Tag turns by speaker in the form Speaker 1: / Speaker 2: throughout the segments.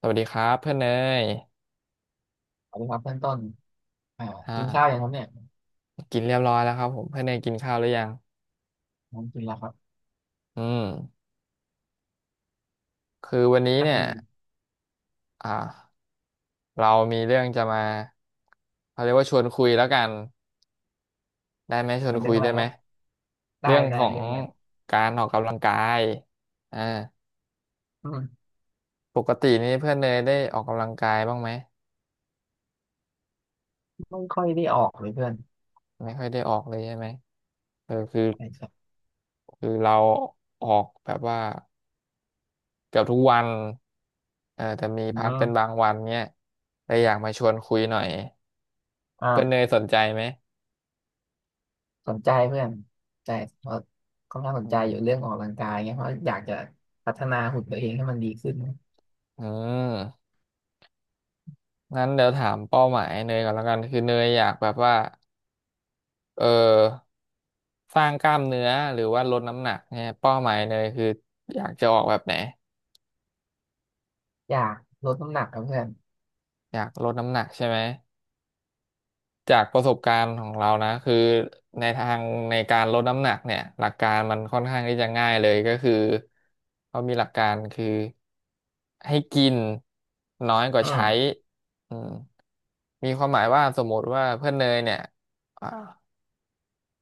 Speaker 1: สวัสดีครับเพื่อนเนย
Speaker 2: สวัสดีครับเพื่อนต้นอ่ากิน
Speaker 1: อ่า
Speaker 2: ข้าวยังครับเนี่ย
Speaker 1: กินเรียบร้อยแล้วครับผมเพื่อนเนยกินข้าวหรือยัง
Speaker 2: ผมกินแล้วครับ
Speaker 1: อืมคือวันนี้
Speaker 2: ครับ
Speaker 1: เนี่ย
Speaker 2: พี่
Speaker 1: อ่าเรามีเรื่องจะมาเขาเรียกว่าชวนคุยแล้วกันได้ไหมชว
Speaker 2: มั
Speaker 1: น
Speaker 2: นเรื่
Speaker 1: คุ
Speaker 2: อง
Speaker 1: ย
Speaker 2: อะไร
Speaker 1: ได้
Speaker 2: ค
Speaker 1: ไหม
Speaker 2: รับได้
Speaker 1: เรื่อง
Speaker 2: ได้
Speaker 1: ของ
Speaker 2: เรื่องอะไร
Speaker 1: การออกกำลังกายอ่า
Speaker 2: อืม
Speaker 1: ปกตินี่เพื่อนเนยได้ออกกำลังกายบ้างไหม
Speaker 2: ไม่ค่อยได้ออกเลยเพื่อน
Speaker 1: ไม่ค่อยได้ออกเลยใช่ไหมเออคือ
Speaker 2: ใช่ครับ
Speaker 1: เราออกแบบว่า เกือบทุกวันเออแต่มี
Speaker 2: อื
Speaker 1: พักเป็นบา
Speaker 2: ม
Speaker 1: งวันเนี้ยเลยอยากมาชวนคุยหน่อยเพื่อนเน
Speaker 2: อ่า
Speaker 1: ยสนใจไหม
Speaker 2: สนใจเพื่อนใจเพราะค่อนข้างส
Speaker 1: อื
Speaker 2: นใจ
Speaker 1: ม
Speaker 2: อยู่เรื่องออกกำลังกายเงี้ยเพราะอยากจะพัฒนาหุ่นตัวเองให้มันดีขึ้น
Speaker 1: อืมงั้นเดี๋ยวถามเป้าหมายเนยก่อนแล้วกัน คือเนยอยากแบบว่า เออ สร้างกล้ามเนื้อหรือว่าลดน้ำหนักเนี่ยเป้าหมายเนยคืออยากจะออกแบบไหน
Speaker 2: อยากลดน้ำหนักครับเพื่อน
Speaker 1: อยากลดน้ำหนักใช่ไหม จากประสบการณ์ของเรานะคือในทางในการลดน้ำหนักเนี่ยหลักการมันค่อนข้างที่จะง่ายเลยก็คือเขามีหลักการคือให้กินน้อยกว่า
Speaker 2: อื
Speaker 1: ใช้
Speaker 2: ม
Speaker 1: อืมมีความหมายว่าสมมติว่าเพื่อนเนยเนี่ยอ่า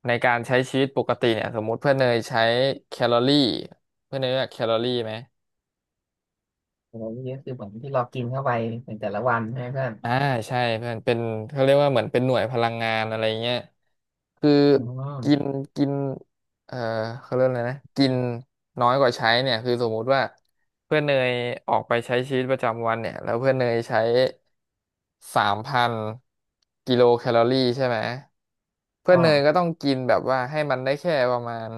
Speaker 1: ในการใช้ชีวิตปกติเนี่ยสมมติเพื่อนเนยใช้แคลอรี่เพื่อนเนยรู้จักแคลอรี่ไหม
Speaker 2: แต่ว่านี่ก็คือเหมือนที่เรากินเข้าไปในแต่ละวันใช่ไหมเพื่อน
Speaker 1: อ่าใช่เพื่อนเป็นเขาเรียกว่าเหมือนเป็นหน่วยพลังงานอะไรเงี้ยคือ
Speaker 2: อื
Speaker 1: กิน
Speaker 2: ม
Speaker 1: กินเอ่อเขาเรียกอะไรนะกินน้อยกว่าใช้เนี่ยคือสมมุติว่าเพื่อนเนยออกไปใช้ชีวิตประจำวันเนี่ยแล้วเพื่อนเนยใช้สามพันกิโลแคลอรี่ใช่ไหมเพื่
Speaker 2: อ๋
Speaker 1: อ
Speaker 2: อ
Speaker 1: นเนยก็ต้องกินแบบว่าให้มันได้แค่ประมาณ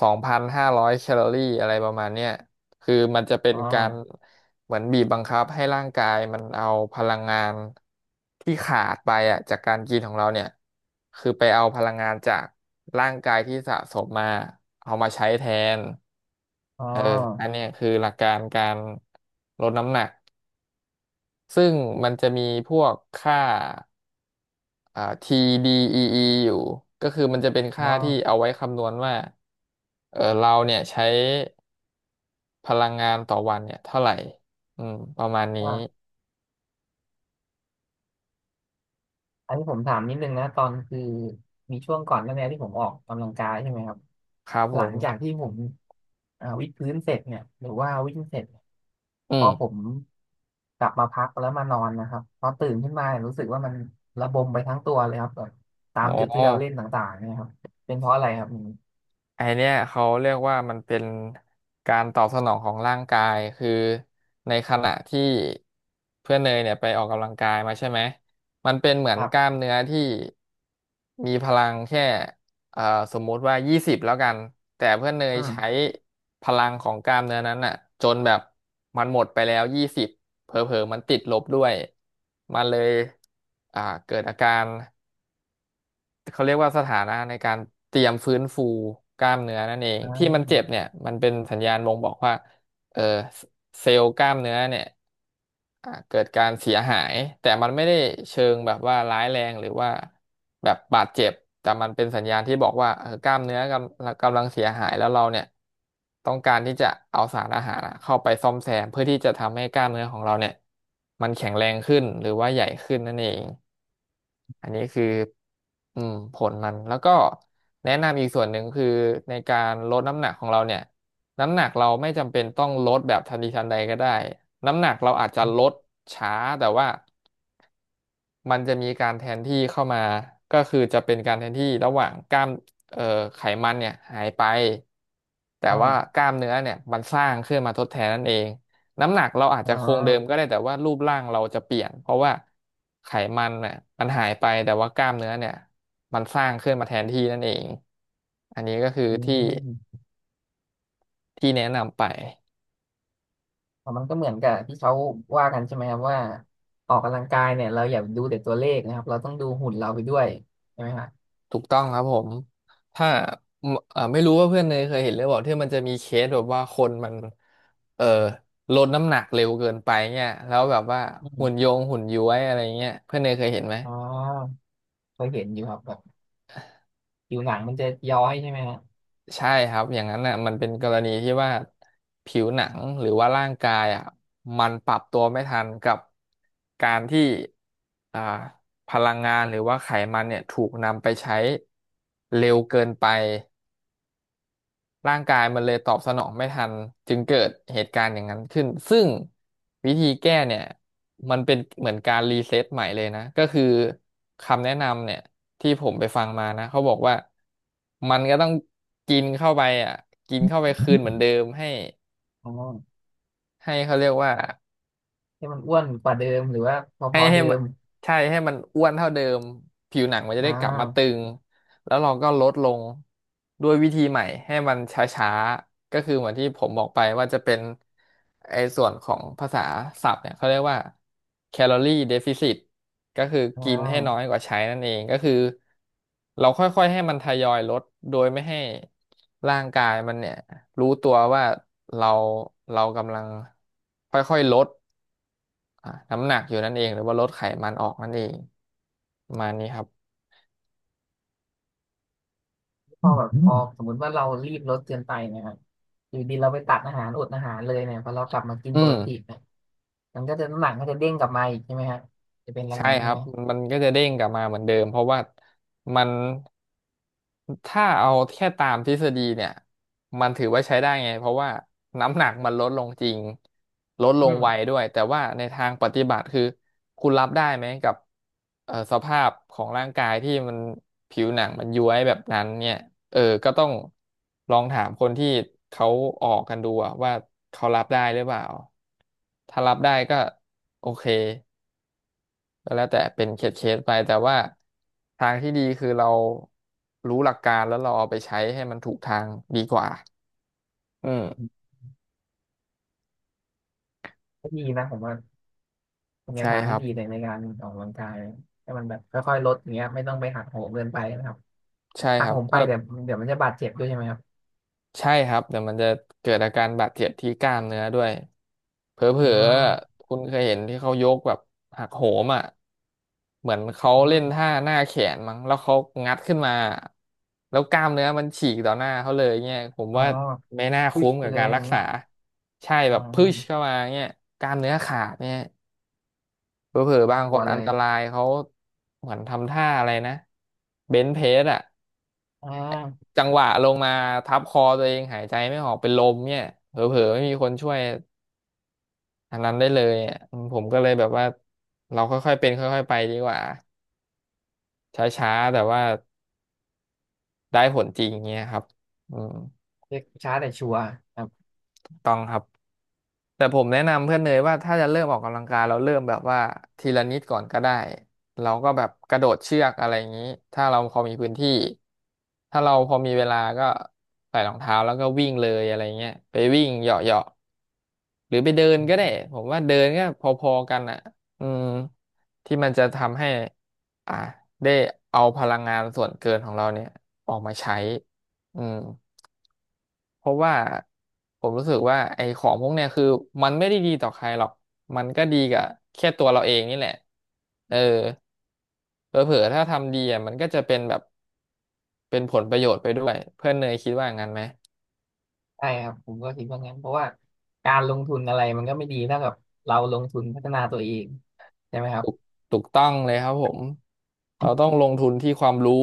Speaker 1: สองพันห้าร้อยแคลอรี่อะไรประมาณเนี้ยคือมันจะเป็น
Speaker 2: อ๋อ
Speaker 1: การ เหมือนบีบบังคับให้ร่างกายมันเอาพลังงานที่ขาดไปอ่ะจากการกินของเราเนี่ยคือไปเอาพลังงานจากร่างกายที่สะสมมาเอามาใช้แทน
Speaker 2: อ๋
Speaker 1: เอออัน
Speaker 2: อ
Speaker 1: เนี้ยคือหลักการการลดน้ำหนักซึ่งมันจะมีพวกค่าTDEE ออีอยู่ก็คือมันจะเป็น
Speaker 2: อ๋
Speaker 1: ค่า
Speaker 2: อ
Speaker 1: ที่เอาไว้คำนวณว่าเออเราเนี่ยใช้พลังงานต่อวันเนี่ยเท่าไหร่อืมประมาณนี้
Speaker 2: อ๋อ อันนี้ผมถามนิดนึงนะตอนคือมีช่วงก่อนหน้านี้ที่ผมออกกำลังกายใช่ไหมครับ
Speaker 1: ครับ
Speaker 2: ห
Speaker 1: ผ
Speaker 2: ลั
Speaker 1: ม
Speaker 2: งจากที่ผมวิดพื้นเสร็จเนี่ยหรือว่าวิ่งเสร็จเนี่ยพ
Speaker 1: อื
Speaker 2: อผ
Speaker 1: ม
Speaker 2: มกลับมาพักแล้วมานอนนะครับพอตื่นขึ้นมาเนี่ยรู้สึกว่ามันระบมไปทั้งตัวเลยครับแบบตา
Speaker 1: อ๋
Speaker 2: ม
Speaker 1: อ
Speaker 2: จุดที่เราเล่นต่างๆเนี่ยครับเป็นเพราะอะไรครับอืม
Speaker 1: ไอเนี้ยเขาเรียกว่ามันเป็นการตอบสนองของร่างกายคือในขณะที่เพื่อนเนยเนี่ยไปออกกำลังกายมาใช่ไหมมันเป็นเหมือ
Speaker 2: ค
Speaker 1: น
Speaker 2: รั
Speaker 1: กล้าม
Speaker 2: บ
Speaker 1: เนื้อที่มีพลังแค่เอ่อสมมุติว่ายี่สิบแล้วกันแต่เพื่อนเนย
Speaker 2: อื
Speaker 1: ใช้
Speaker 2: ม
Speaker 1: พลังของกล้ามเนื้อนั้นอ่ะจนแบบมันหมดไปแล้วยี่สิบเผลอๆมันติดลบด้วยมันเลยเกิดอาการ เขาเรียกว่าสถานะในการเตรียมฟื้นฟูกล้ามเนื้อนั่นเอง
Speaker 2: อ่
Speaker 1: ที่มัน
Speaker 2: า
Speaker 1: เจ็บเนี่ยมันเป็นสัญญาณบ่งบอกว่าเออเซลล์กล้ามเนื้อเนี่ย เกิดการเสียหายแต่มันไม่ได้เชิงแบบว่าร้ายแรงหรือว่าแบบบาดเจ็บแต่มันเป็นสัญญาณที่บอกว่าเออกล้ามเนื้อกำลังเสียหายแล้วเราเนี่ยต้องการที่จะเอาสารอาหารอะเข้าไปซ่อมแซมเพื่อที่จะทำให้กล้ามเนื้อของเราเนี่ยมันแข็งแรงขึ้นหรือว่าใหญ่ขึ้นนั่นเองอันนี้คืออืมผลมันแล้วก็แนะนำอีกส่วนหนึ่งคือในการลดน้ำหนักของเราเนี่ย น้ำหนักเราไม่จำเป็นต้องลดแบบทันทีทันใดก็ได้ น้ำหนักเราอาจจะลดช้าแต่ว่ามันจะมีการแทนที่เข้ามาก็คือจะเป็นการแทนที่ระหว่างกล้ามเอ่อไขมันเนี่ยหายไป แต่ว่า
Speaker 2: อ่า
Speaker 1: กล้ามเนื้อเนี่ยมันสร้างขึ้นมาทดแทนนั่นเองน้ำหนักเราอาจ
Speaker 2: อ่
Speaker 1: จะคงเดิมก็
Speaker 2: า
Speaker 1: ได้แต่ว่ารูปร่างเราจะเปลี่ยนเพราะว่าไขมันเนี่ยมันหายไปแต่ว่ากล้ามเนื้อเนี่ยมันสร้างขึ้นมาแทนที่นั่นเองอันนี้ก็คือ
Speaker 2: อื
Speaker 1: ที่
Speaker 2: ม
Speaker 1: ที่แนะนำไป
Speaker 2: อ๋อมันก็เหมือนกับที่เขาว่ากันใช่ไหมครับว่าออกกำลังกายเนี่ยเราอย่าดูแต่ตัวเลขนะครับเราต้องดูหุ่นเราไปด้วยใช่ไหมครับ
Speaker 1: ถูกต้องครับผมถ้าไม่รู้ว่าเพื่อนเนยเคยเห็นหรือเปล่าที่มันจะมีเคสแบบว่าคนมันเออลดน้ำหนักเร็วเกินไปเนี่ยแล้วแบบว่า
Speaker 2: อื
Speaker 1: หุ่น
Speaker 2: ม
Speaker 1: โยงหุ่นย้วยอะไรเงี้ยเพื่อนเนยเคยเห็นไหม
Speaker 2: อ๋อเคยเห็นอยู่ครับแบบผิวหนังมันจะย้อยใช่ไหมฮะ
Speaker 1: ใช่ครับอย่างนั้นน่ะมันเป็นกรณีที่ว่าผิวหนังหรือว่าร่างกายอ่ะมันปรับตัวไม่ทันกับการที่อ่าพลังงานหรือว่าไขมันเนี่ยถูกนำไปใช้เร็วเกินไป ร่างกายมันเลยตอบสนองไม่ทันจึงเกิดเหตุการณ์อย่างนั้นขึ้นซึ่งวิธีแก้เนี่ยมันเป็นเหมือนการรีเซ็ตใหม่เลยนะก็คือคำแนะนำเนี่ยที่ผมไปฟังมานะเขาบอกว่ามันก็ต้องกินเข้าไปอ่ะกินเข้าไปคืนเหมือนเดิมให้
Speaker 2: อ๋อ
Speaker 1: ให้เขาเรียกว่า
Speaker 2: ให้มันอ้วนกว่าเดิมหรือว่าพ
Speaker 1: ให้
Speaker 2: อๆ
Speaker 1: ให้
Speaker 2: เดิ
Speaker 1: มัน
Speaker 2: ม
Speaker 1: ใช่ให้มันอ้วนเท่าเดิมผิวหนังมันจะ
Speaker 2: อ่
Speaker 1: ได้กลับมาตึ
Speaker 2: า
Speaker 1: งแล้วเราก็ลดลงด้วยวิธีใหม่ให้มันช้าๆก็คือเหมือนที่ผมบอกไปว่าจะเป็นไอ้ส่วนของภาษาศัพท์เนี่ยเขาเรียกว่าแคลอรี่เดฟิซิตก็คือ
Speaker 2: อ่
Speaker 1: กินให้น้อย
Speaker 2: า
Speaker 1: กว่าใช้นั่นเองก็คือเราค่อยๆให้มันทยอยลดโดยไม่ให้ร่างกายมันเนี่ยรู้ตัวว่าเราเรากำลังค่อยๆลด น้ำหนักอยู่นั่นเองหรือว่าลดไขมันออกนั่นเองประมาณนี้ครับ
Speaker 2: พอแบบพอสมมุติว่าเรารีบลดเกินไปเนะครับอยู่ดีเราไปตัดอาหารอดอาหารเลยเนี่ยพอเรากลับมากิน
Speaker 1: อื
Speaker 2: ปกติ
Speaker 1: ม
Speaker 2: เนี่ยมันก็จะน้ำหนักก็จะเด้งกลับมาอีกใช่ไหมฮะจะเป็นอย่าง
Speaker 1: ใช่
Speaker 2: นั้น
Speaker 1: ค
Speaker 2: ใช่
Speaker 1: รั
Speaker 2: ไห
Speaker 1: บ
Speaker 2: ม
Speaker 1: มันก็จะเด้งกลับมาเหมือนเดิมเพราะว่ามันถ้าเอาแค่ตามทฤษฎีเนี่ยมันถือว่าใช้ได้ไงเพราะว่าน้ำหนักมันลดลงจริงลดล
Speaker 2: อื
Speaker 1: งไว
Speaker 2: ม
Speaker 1: ด้วยแต่ว่าในทางปฏิบัติคือคุณรับได้ไหมกับสภาพของร่างกายที่มันผิวหนังมันย้วยแบบนั้นเนี่ยเออก็ต้องลองถามคนที่เขาออกกันดูอะว่าเขารับได้หรือเปล่าถ้ารับได้ก็โอเค ก็แล้วแต่เป็นเคสเคสไปแต่ว่าทางที่ดีคือเรารู้หลักการแล้วเราเอาไปใช้ให้มันถูกทางดีกว่าอืม
Speaker 2: ก็ดีนะผมว่า เป็นแน
Speaker 1: ใช่
Speaker 2: วทาง
Speaker 1: ค
Speaker 2: ที่
Speaker 1: รับ
Speaker 2: ดีเลยในการออกกำลังกายให้มันแบบค่อยๆลดอย่างเงี้ยไม่ต้องไปหักโหมเกินไปนะครับ
Speaker 1: ใช่
Speaker 2: หั
Speaker 1: ค
Speaker 2: ก
Speaker 1: รั
Speaker 2: โห
Speaker 1: บ
Speaker 2: มไป
Speaker 1: ถ้า
Speaker 2: เดี๋ยวเดี๋ยวมันจะบาดเจ็บด้วยใช่ไหมครับ
Speaker 1: ใช่ครับเดี๋ยวมันจะเกิดอาการบาดเจ็บที่กล้ามเนื้อด้วยเผล
Speaker 2: อ๋อ
Speaker 1: อๆคุณเคยเห็นที่เขายกแบบหักโหมอ่ะเหมือนเขา
Speaker 2: อ
Speaker 1: เล่น
Speaker 2: ม
Speaker 1: ท่าหน้าแขนมั้งแล้วเขางัดขึ้นมาแล้วกล้ามเนื้อมันฉีกต่อหน้าเขาเลยเนี่ยผม
Speaker 2: อ๋อ
Speaker 1: ว่าไม่น่า
Speaker 2: พุช
Speaker 1: คุ้ม
Speaker 2: ไป
Speaker 1: กับ
Speaker 2: เลย
Speaker 1: การ
Speaker 2: อ
Speaker 1: รั
Speaker 2: ย่า
Speaker 1: ก
Speaker 2: งงี้
Speaker 1: ษาใช่
Speaker 2: อ๋
Speaker 1: แบ
Speaker 2: อ
Speaker 1: บพุชเข้ามาเนี่ยกล้ามเนื้อขาดเนี่ยเผลอๆบา
Speaker 2: น่า
Speaker 1: ง
Speaker 2: ก
Speaker 1: ค
Speaker 2: ลัว
Speaker 1: น
Speaker 2: เล
Speaker 1: อัน
Speaker 2: ย
Speaker 1: ตรายเขาเหมือนทำท่าอะไรนะเบนช์เพสอ่ะ
Speaker 2: อ่า
Speaker 1: จังหวะลงมาทับคอตัวเองหายใจไม่ออกเป็นลมเนี่ยเผลอๆไม่มีคนช่วยอันนั้นได้เลยอ่ะอืมผมก็เลยแบบว่าเราค่อยๆเป็นค่อยๆไปดีกว่าช้าๆแต่ว่าได้ผลจริงเงี้ยครับอืม
Speaker 2: เช็คช้าแต่ชัวร์ครับ
Speaker 1: ต้องครับแต่ผมแนะนำเพื่อนเนยว่าถ้าจะเริ่มออกกำลังกายเราเริ่มแบบว่าทีละนิดก่อนก็ได้เราก็แบบกระโดดเชือกอะไรอย่างนี้ถ้าเราพอมีพื้นที่ถ้าเราพอมีเวลาก็ใส่รองเท้าแล้วก็วิ่งเลยอะไรเงี้ยไปวิ่งเหยาะเหาะ หรือไปเดินก็ได้ผมว่าเดินก็พอๆกันอ่ะอืมที่มันจะทำให้อ่าได้เอาพลังงานส่วนเกินของเราเนี่ยออกมาใช้อืมเพราะว่าผมรู้สึกว่าไอ้ของพวกเนี่ยคือมันไม่ได้ดีต่อใครหรอกมันก็ดีกับแค่ตัวเราเองนี่แหละเออเผลอๆถ้าทำดีอ่ะมันก็จะเป็นแบบเป็นผลประโยชน์ไปด้วยเพื่อนเนยคิดว่างั้นไหม
Speaker 2: ใช่ครับผมก็คิดว่างั้นเพราะว่าการลงทุนอะไรมันก็ไม่ดีเท่ากับเราลงทุนพัฒนาตัวเองใช่ไหมครั
Speaker 1: ถู
Speaker 2: บ
Speaker 1: กถูกต้องเลยครับผมเราต้องลงทุนที่ความรู้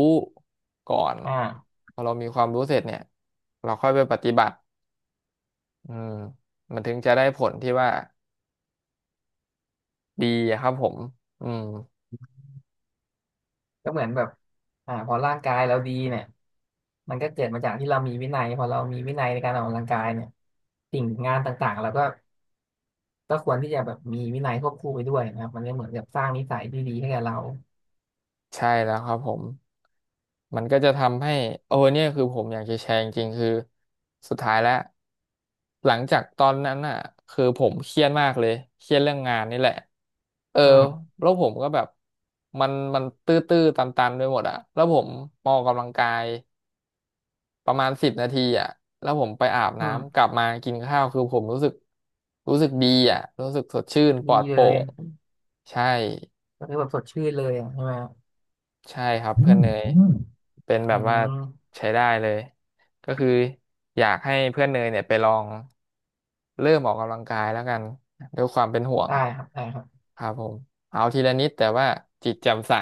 Speaker 1: ก่อน
Speaker 2: อ่า
Speaker 1: พอเรามีความรู้เสร็จเนี่ยเราค่อยไปปฏิบัติอืมมันถึงจะได้ผลที่ว่าดีอะครับผมอืม
Speaker 2: ก็เหมือนแบบพอร่างกายเราดีเนี่ยมันก็เกิดมาจากที่เรามีวินัยพอเรามีวินัยในการออกกำลังกายเนี่ยสิ่งงานต่างๆเราก็ก็ควรที่จะแบบมีวินัยควบคู่ไปด้วยนะครับมันก็เหมือนกับสร้างนิสัยที่ดีให้กับเรา
Speaker 1: ใช่แล้วครับผม มันก็จะทำให้โอ้เนี่ยคือผมอยากจะแชร์จริงๆคือสุดท้ายแล้วหลังจากตอนนั้นอ่ะคือผมเครียดมากเลยเครียดเรื่องงานนี่แหละเออ
Speaker 2: อืม
Speaker 1: แล้วผมก็แบบมันตื้อๆตันๆไปหมดอ่ะแล้วผมมาออกกำลังกายประมาณ10 นาทีอ่ะแล้วผมไปอาบ
Speaker 2: อื
Speaker 1: น้ำก
Speaker 2: ม
Speaker 1: ลับมากินข้าวคือผมรู้สึกรู้สึกดีอ่ะรู้สึกสดชื่นป
Speaker 2: ดี
Speaker 1: ลอดโป
Speaker 2: เล
Speaker 1: ร่
Speaker 2: ย
Speaker 1: งใช่
Speaker 2: ก็คือแบบสดชื่นเลยอะใช่ไหมครับ
Speaker 1: ใช่ครับ
Speaker 2: อื
Speaker 1: เพื่อน
Speaker 2: ม
Speaker 1: เนย
Speaker 2: อืม
Speaker 1: เป็น
Speaker 2: อื
Speaker 1: แบบว่า
Speaker 2: ม
Speaker 1: ใช้ได้เลยก็คืออยากให้เพื่อนเนยเนี่ยไปลองเริ่มออกกำลังกายแล้วกันด้วยความเป็นห่วง
Speaker 2: ได้ครับได้ครับ
Speaker 1: ครับผมเอาทีละนิดแต่ว่าจิตแจ่มใส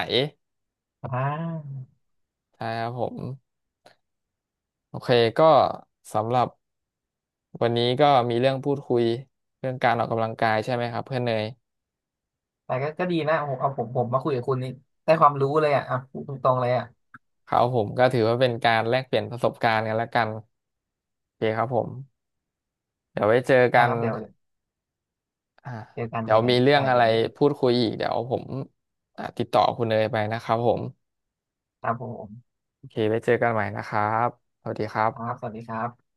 Speaker 2: อ่า
Speaker 1: ใช่ครับผมโอเคก็สำหรับวันนี้ก็มีเรื่องพูดคุยเรื่องการออกกำลังกายใช่ไหมครับเพื่อนเนย
Speaker 2: แต่ก็ก็ดีนะโอ้โหเอาผมมาคุยกับคุณนี่ได้ความรู้เลยอ่ะอ่ะพูดตรงๆเลยอ่ะ
Speaker 1: ครับผมก็ถือว่าเป็นการแลกเปลี่ยนประสบการณ์กันแล้วกันโอเคครับผมเดี๋ยวไว้เจอกั
Speaker 2: ได้ค
Speaker 1: น
Speaker 2: รับเดี๋ยวเ
Speaker 1: อ่า
Speaker 2: จอกัน
Speaker 1: เดี๋
Speaker 2: เจ
Speaker 1: ย
Speaker 2: อ
Speaker 1: ว
Speaker 2: กั
Speaker 1: มี
Speaker 2: น
Speaker 1: เรื่อ
Speaker 2: ได้
Speaker 1: งอะ
Speaker 2: เดี๋
Speaker 1: ไร
Speaker 2: ยวเดี๋ยว
Speaker 1: พูดคุยอีกเดี๋ยวผมติดต่อคุณเนยไปนะครับผม
Speaker 2: ครับผม
Speaker 1: โอเคไว้เจอกันใหม่นะครับสวัสดีครั
Speaker 2: ครับ
Speaker 1: บ
Speaker 2: สวัสดีครับ